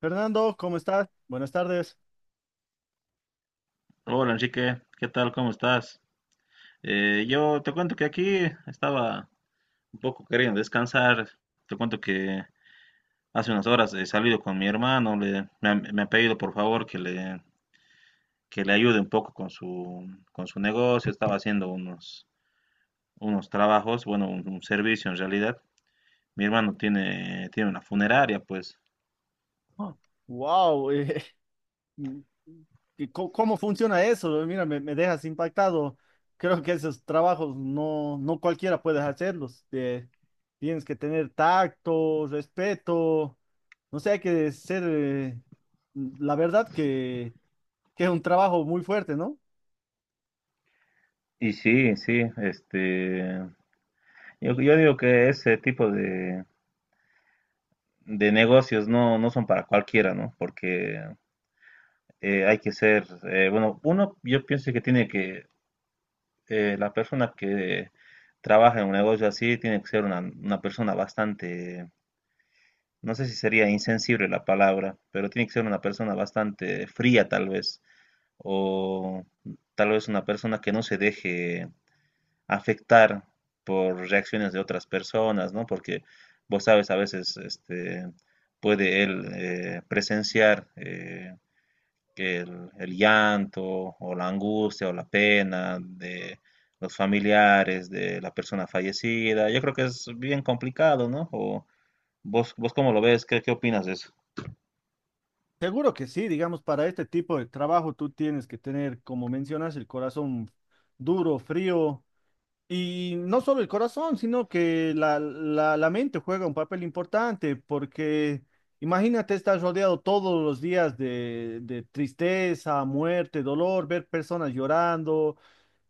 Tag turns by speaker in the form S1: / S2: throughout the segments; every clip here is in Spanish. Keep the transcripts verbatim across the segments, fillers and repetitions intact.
S1: Fernando, ¿cómo estás? Buenas tardes.
S2: Hola Enrique, ¿qué tal? ¿Cómo estás? Eh, yo te cuento que aquí estaba un poco queriendo descansar. Te cuento que hace unas horas he salido con mi hermano. Le- me, ha, me ha pedido por favor que le, que le ayude un poco con su, con su negocio. Estaba haciendo unos, unos trabajos, bueno, un, un servicio en realidad. Mi hermano tiene, tiene una funeraria, pues.
S1: Wow, ¿cómo, cómo funciona eso? Eh, Mira, me, me dejas impactado. Creo que esos trabajos no, no cualquiera puede hacerlos. Eh, tienes que tener tacto, respeto. No sé, hay que ser, eh, la verdad que, que es un trabajo muy fuerte, ¿no?
S2: Y sí, sí, este, yo, yo digo que ese tipo de, de negocios no, no son para cualquiera, ¿no? Porque eh, hay que ser, eh, bueno, uno, yo pienso que tiene que, eh, la persona que trabaja en un negocio así tiene que ser una, una persona bastante, no sé si sería insensible la palabra, pero tiene que ser una persona bastante fría tal vez, o tal vez una persona que no se deje afectar por reacciones de otras personas, ¿no? Porque vos sabes, a veces este, puede él eh, presenciar eh, que el, el llanto o la angustia o la pena de los familiares de la persona fallecida. Yo creo que es bien complicado, ¿no? O vos, vos cómo lo ves, ¿qué, qué opinas de eso?
S1: Seguro que sí, digamos, para este tipo de trabajo tú tienes que tener, como mencionas, el corazón duro, frío. Y no solo el corazón, sino que la, la, la mente juega un papel importante, porque imagínate estar rodeado todos los días de, de tristeza, muerte, dolor, ver personas llorando.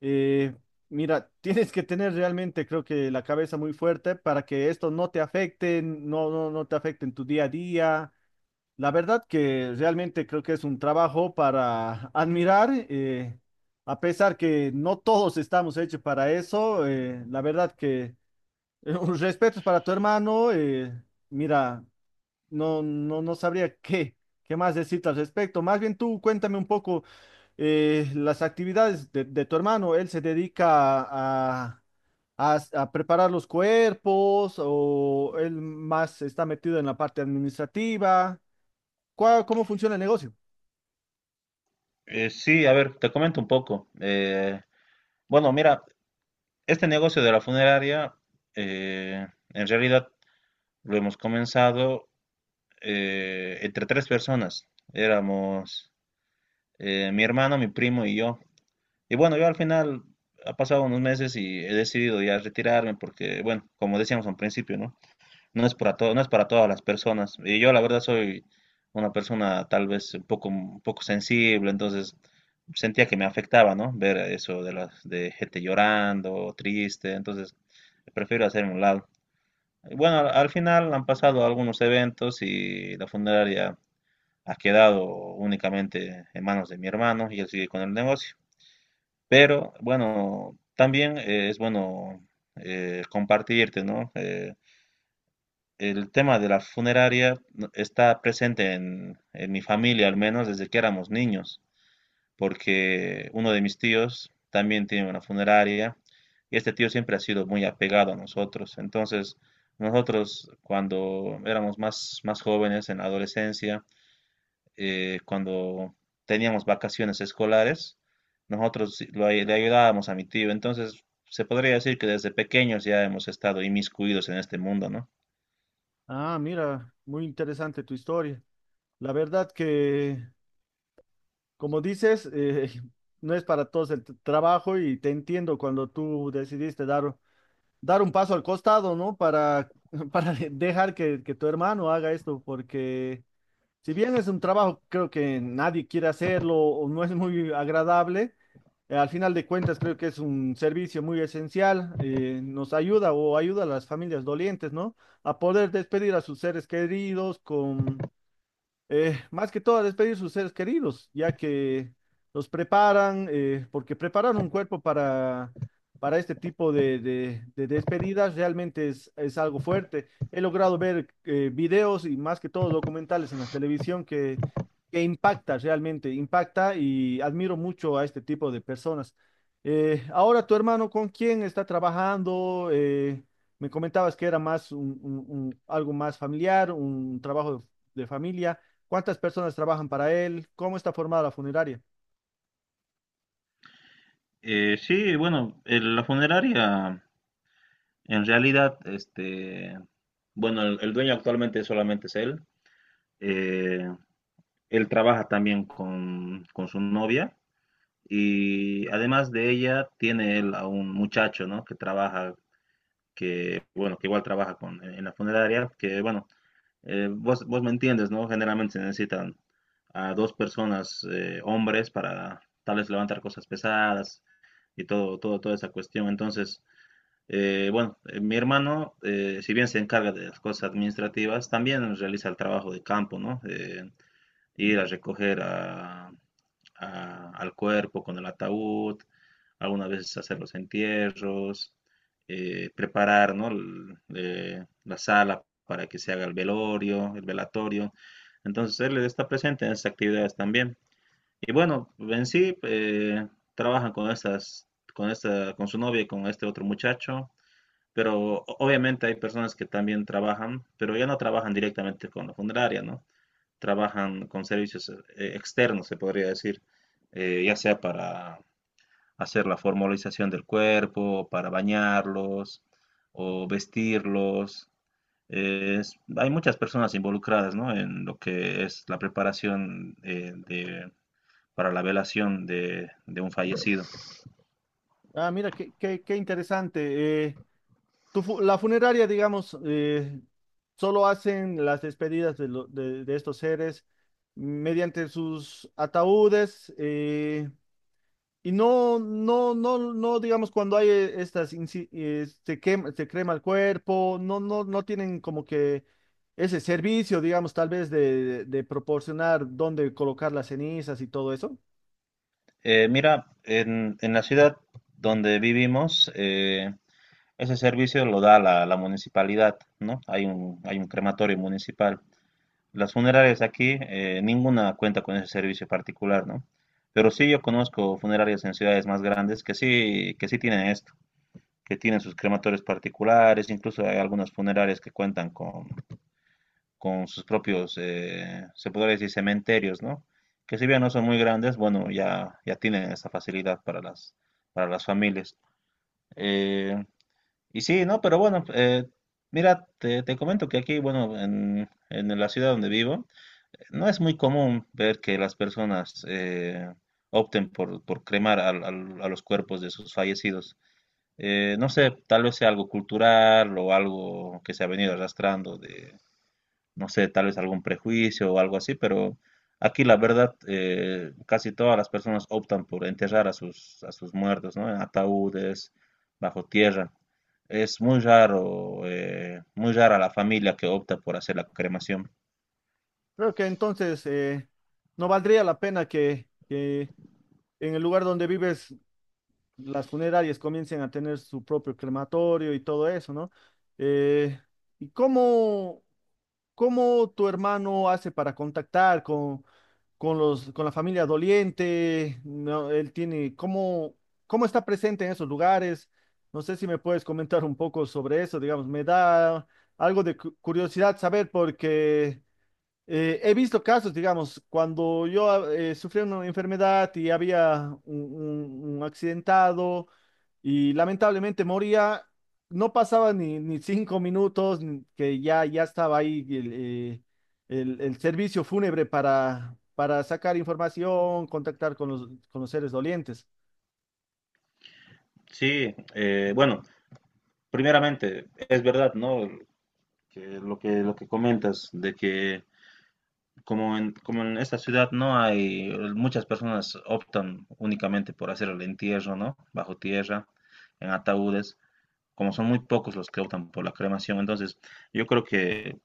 S1: eh, mira, tienes que tener realmente, creo que la cabeza muy fuerte para que esto no te afecte, no, no, no te afecte en tu día a día. La verdad que realmente creo que es un trabajo para admirar, eh, a pesar que no todos estamos hechos para eso, eh, la verdad que eh, un respeto para tu hermano, eh, mira, no, no, no sabría qué, qué más decirte al respecto. Más bien tú cuéntame un poco eh, las actividades de, de tu hermano. Él se dedica a, a, a preparar los cuerpos, o él más está metido en la parte administrativa. ¿Cuá- ¿Cómo funciona el negocio?
S2: Eh, sí, a ver, te comento un poco. Eh, bueno, mira, este negocio de la funeraria, eh, en realidad lo hemos comenzado eh, entre tres personas. Éramos eh, mi hermano, mi primo y yo. Y bueno, yo al final ha pasado unos meses y he decidido ya retirarme porque, bueno, como decíamos al principio, ¿no? No es para todo, no es para todas las personas. Y yo la verdad soy una persona tal vez un poco, un poco sensible, entonces sentía que me afectaba, ¿no? Ver eso de las de gente llorando, triste, entonces prefiero hacerme a un lado. Y bueno, al, al final han pasado algunos eventos y la funeraria ha quedado únicamente en manos de mi hermano y él sigue con el negocio. Pero bueno, también eh, es bueno eh, compartirte, ¿no? Eh, el tema de la funeraria no- está presente en, en mi familia, al menos desde que éramos niños, porque uno de mis tíos también tiene una funeraria y este tío siempre ha sido muy apegado a nosotros. Entonces, nosotros cuando éramos más, más jóvenes, en la adolescencia, eh, cuando teníamos vacaciones escolares, nosotros lo ay- le ayudábamos a mi tío. Entonces, se podría decir que desde pequeños ya hemos estado inmiscuidos en este mundo, ¿no?
S1: Ah, mira, muy interesante tu historia. La verdad que, como dices, eh, no es para todos el t- trabajo, y te entiendo cuando tú decidiste dar, dar un paso al costado, ¿no? Para, para dejar que, que tu hermano haga esto, porque si bien es un trabajo creo que nadie quiere hacerlo o no es muy agradable, eh, al final de cuentas creo que es un servicio muy esencial. Eh, nos ayuda o ayuda a las familias dolientes, ¿no? A poder despedir a sus seres queridos con eh, más que todo a despedir sus seres queridos, ya que los preparan, eh, porque preparar un cuerpo para, para este tipo de, de- de despedidas realmente es, es algo fuerte. He logrado ver eh, videos y más que todo documentales en la televisión que, que impacta realmente. Impacta, y admiro mucho a este tipo de personas. Eh, ahora tu hermano, ¿con quién está trabajando? Eh, me comentabas que era más un, un- un- algo más familiar, un trabajo de de familia. ¿Cuántas personas trabajan para él? ¿Cómo está formada la funeraria?
S2: Eh, sí, bueno, el- la funeraria, en realidad, este, bueno, el, el dueño actualmente solamente es él. Eh, Él trabaja también con, con su novia y además de ella tiene él a un muchacho, ¿no? Que trabaja, que, bueno, que igual trabaja con, en la funeraria, que, bueno, Eh, vos, vos me entiendes, ¿no? Generalmente se necesitan a dos personas, eh, hombres, para tal vez levantar cosas pesadas y todo, todo, toda esa cuestión. Entonces, eh, bueno, eh, mi hermano, eh, si bien se encarga de las cosas administrativas, también realiza el trabajo de campo, ¿no? Eh, ir a recoger a- a- al cuerpo con el ataúd, algunas veces hacer los entierros, eh, preparar, ¿no? l- eh, la sala para que se haga el velorio, el velatorio. Entonces él está presente en esas actividades también. Y bueno, en sí eh, trabajan con estas, con esta, con su novia y con este otro muchacho. Pero o- obviamente hay personas que también trabajan, pero ya no trabajan directamente con la funeraria, ¿no? Trabajan con servicios eh, externos, se podría decir, eh, ya sea para hacer la formalización del cuerpo, para bañarlos o vestirlos. Eh, Es- hay muchas personas involucradas, ¿no? En lo que es la preparación eh, de- para la velación de, de un fallecido.
S1: Ah, mira, qué, qué, qué interesante. Eh, tu fu- la funeraria, digamos, eh, solo hacen las despedidas de, lo- de- de estos seres mediante sus ataúdes, eh, y no, no, no, no, digamos, cuando hay eh, estas, inci- eh, se quema, se crema el cuerpo, no, no, no tienen como que ese servicio, digamos, tal vez de, de de proporcionar dónde colocar las cenizas y todo eso.
S2: Eh, mira, en, en la ciudad donde vivimos, eh, ese servicio lo da la, la municipalidad, ¿no? Hay un, hay un crematorio municipal. Las funerarias aquí, eh, ninguna cuenta con ese servicio particular, ¿no? Pero sí yo conozco funerarias en ciudades más grandes que sí, que sí tienen esto, que tienen sus crematorios particulares, incluso hay algunas funerarias que cuentan con, con sus propios, eh, se podría decir, cementerios, ¿no? Que si bien no son muy grandes, bueno, ya, ya tienen esa facilidad para las, para las familias. Eh, y sí, ¿no? Pero bueno, eh, mira, te, te comento que aquí, bueno, en, en la ciudad donde vivo, no es muy común ver que las personas eh, opten por, por cremar al- al- a los cuerpos de sus fallecidos. Eh, no sé, tal vez sea algo cultural o algo que se ha venido arrastrando de, no sé, tal vez algún prejuicio o algo así, pero aquí la verdad, eh, casi todas las personas optan por enterrar a sus, a sus muertos, ¿no? En ataúdes, bajo tierra. Es muy raro, eh, muy rara la familia que opta por hacer la cremación.
S1: Creo que entonces eh, no valdría la pena que, que en el lugar donde vives las funerarias comiencen a tener su propio crematorio y todo eso, ¿no? Eh, ¿y cómo, cómo tu hermano hace para contactar con, con los, con la familia doliente? No, él tiene, ¿cómo, cómo está presente en esos lugares? No sé si me puedes comentar un poco sobre eso. Digamos, me da algo de cu- curiosidad saber porque... Eh, he visto casos, digamos, cuando yo eh, sufrí una enfermedad y había un, un- un accidentado y lamentablemente moría, no pasaba ni, ni cinco minutos ni- que ya, ya estaba ahí el, eh, el- el servicio fúnebre para, para sacar información, contactar con los, con los seres dolientes.
S2: Sí, eh, bueno, primeramente, es verdad, ¿no? Que lo que lo que comentas de que como en, como en esta ciudad no hay muchas personas optan únicamente por hacer el entierro, ¿no? Bajo tierra, en ataúdes, como son muy pocos los que optan por la cremación, entonces yo creo que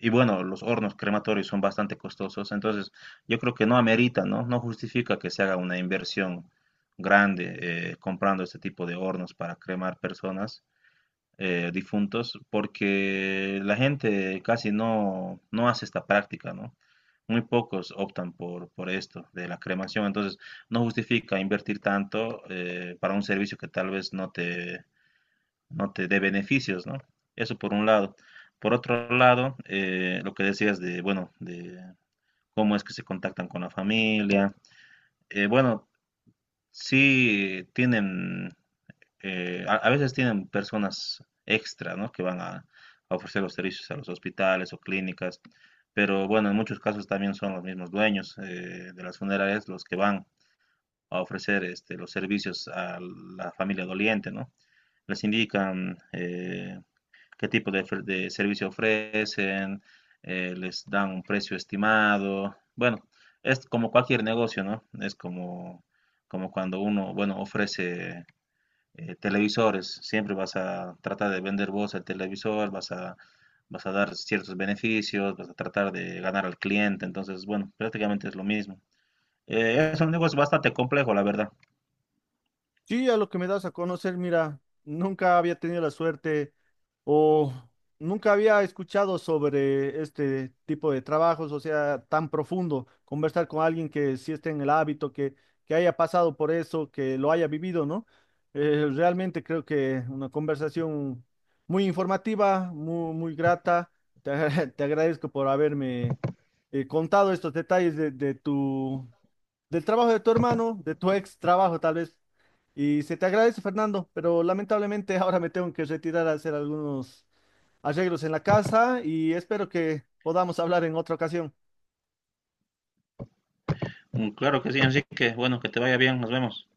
S2: y bueno, los hornos crematorios son bastante costosos, entonces yo creo que no amerita, ¿no? No justifica que se haga una inversión grande eh, comprando este tipo de hornos para cremar personas eh, difuntos porque la gente casi no, no hace esta práctica, ¿no? Muy pocos optan por, por esto de la cremación, entonces no justifica invertir tanto eh, para un servicio que tal vez no te, no te dé beneficios, ¿no? Eso por un lado. Por otro lado, eh, lo que decías de, bueno, de cómo es que se contactan con la familia. Eh, bueno, sí tienen eh, a, a veces tienen personas extra, ¿no? Que van a, a ofrecer los servicios a los hospitales o clínicas, pero bueno, en muchos casos también son los mismos dueños eh, de las funerarias los que van a ofrecer este, los servicios a la familia doliente, ¿no? Les indican eh, qué tipo de, de servicio ofrecen, eh, les dan un precio estimado. Bueno, es como cualquier negocio, ¿no? Es como, como cuando uno, bueno, ofrece eh, televisores. Siempre vas a tratar de vender vos el televisor, vas a, vas a dar ciertos beneficios, vas a tratar de ganar al cliente. Entonces, bueno, prácticamente es lo mismo. Eh, es un negocio bastante complejo, la verdad.
S1: Sí, a lo que me das a conocer, mira, nunca había tenido la suerte o nunca había escuchado sobre este tipo de trabajos, o sea, tan profundo, conversar con alguien que sí esté en el hábito, que, que haya pasado por eso, que lo haya vivido, ¿no? Eh, realmente creo que una conversación muy informativa, muy, muy grata. Te, agra- te agradezco por haberme eh, contado estos detalles de, de tu del trabajo de tu hermano, de tu ex trabajo tal vez. Y se te agradece, Fernando, pero lamentablemente ahora me tengo que retirar a hacer algunos arreglos en la casa, y espero que podamos hablar en otra ocasión.
S2: Mm, claro que sí, así que bueno, que te vaya bien, nos vemos.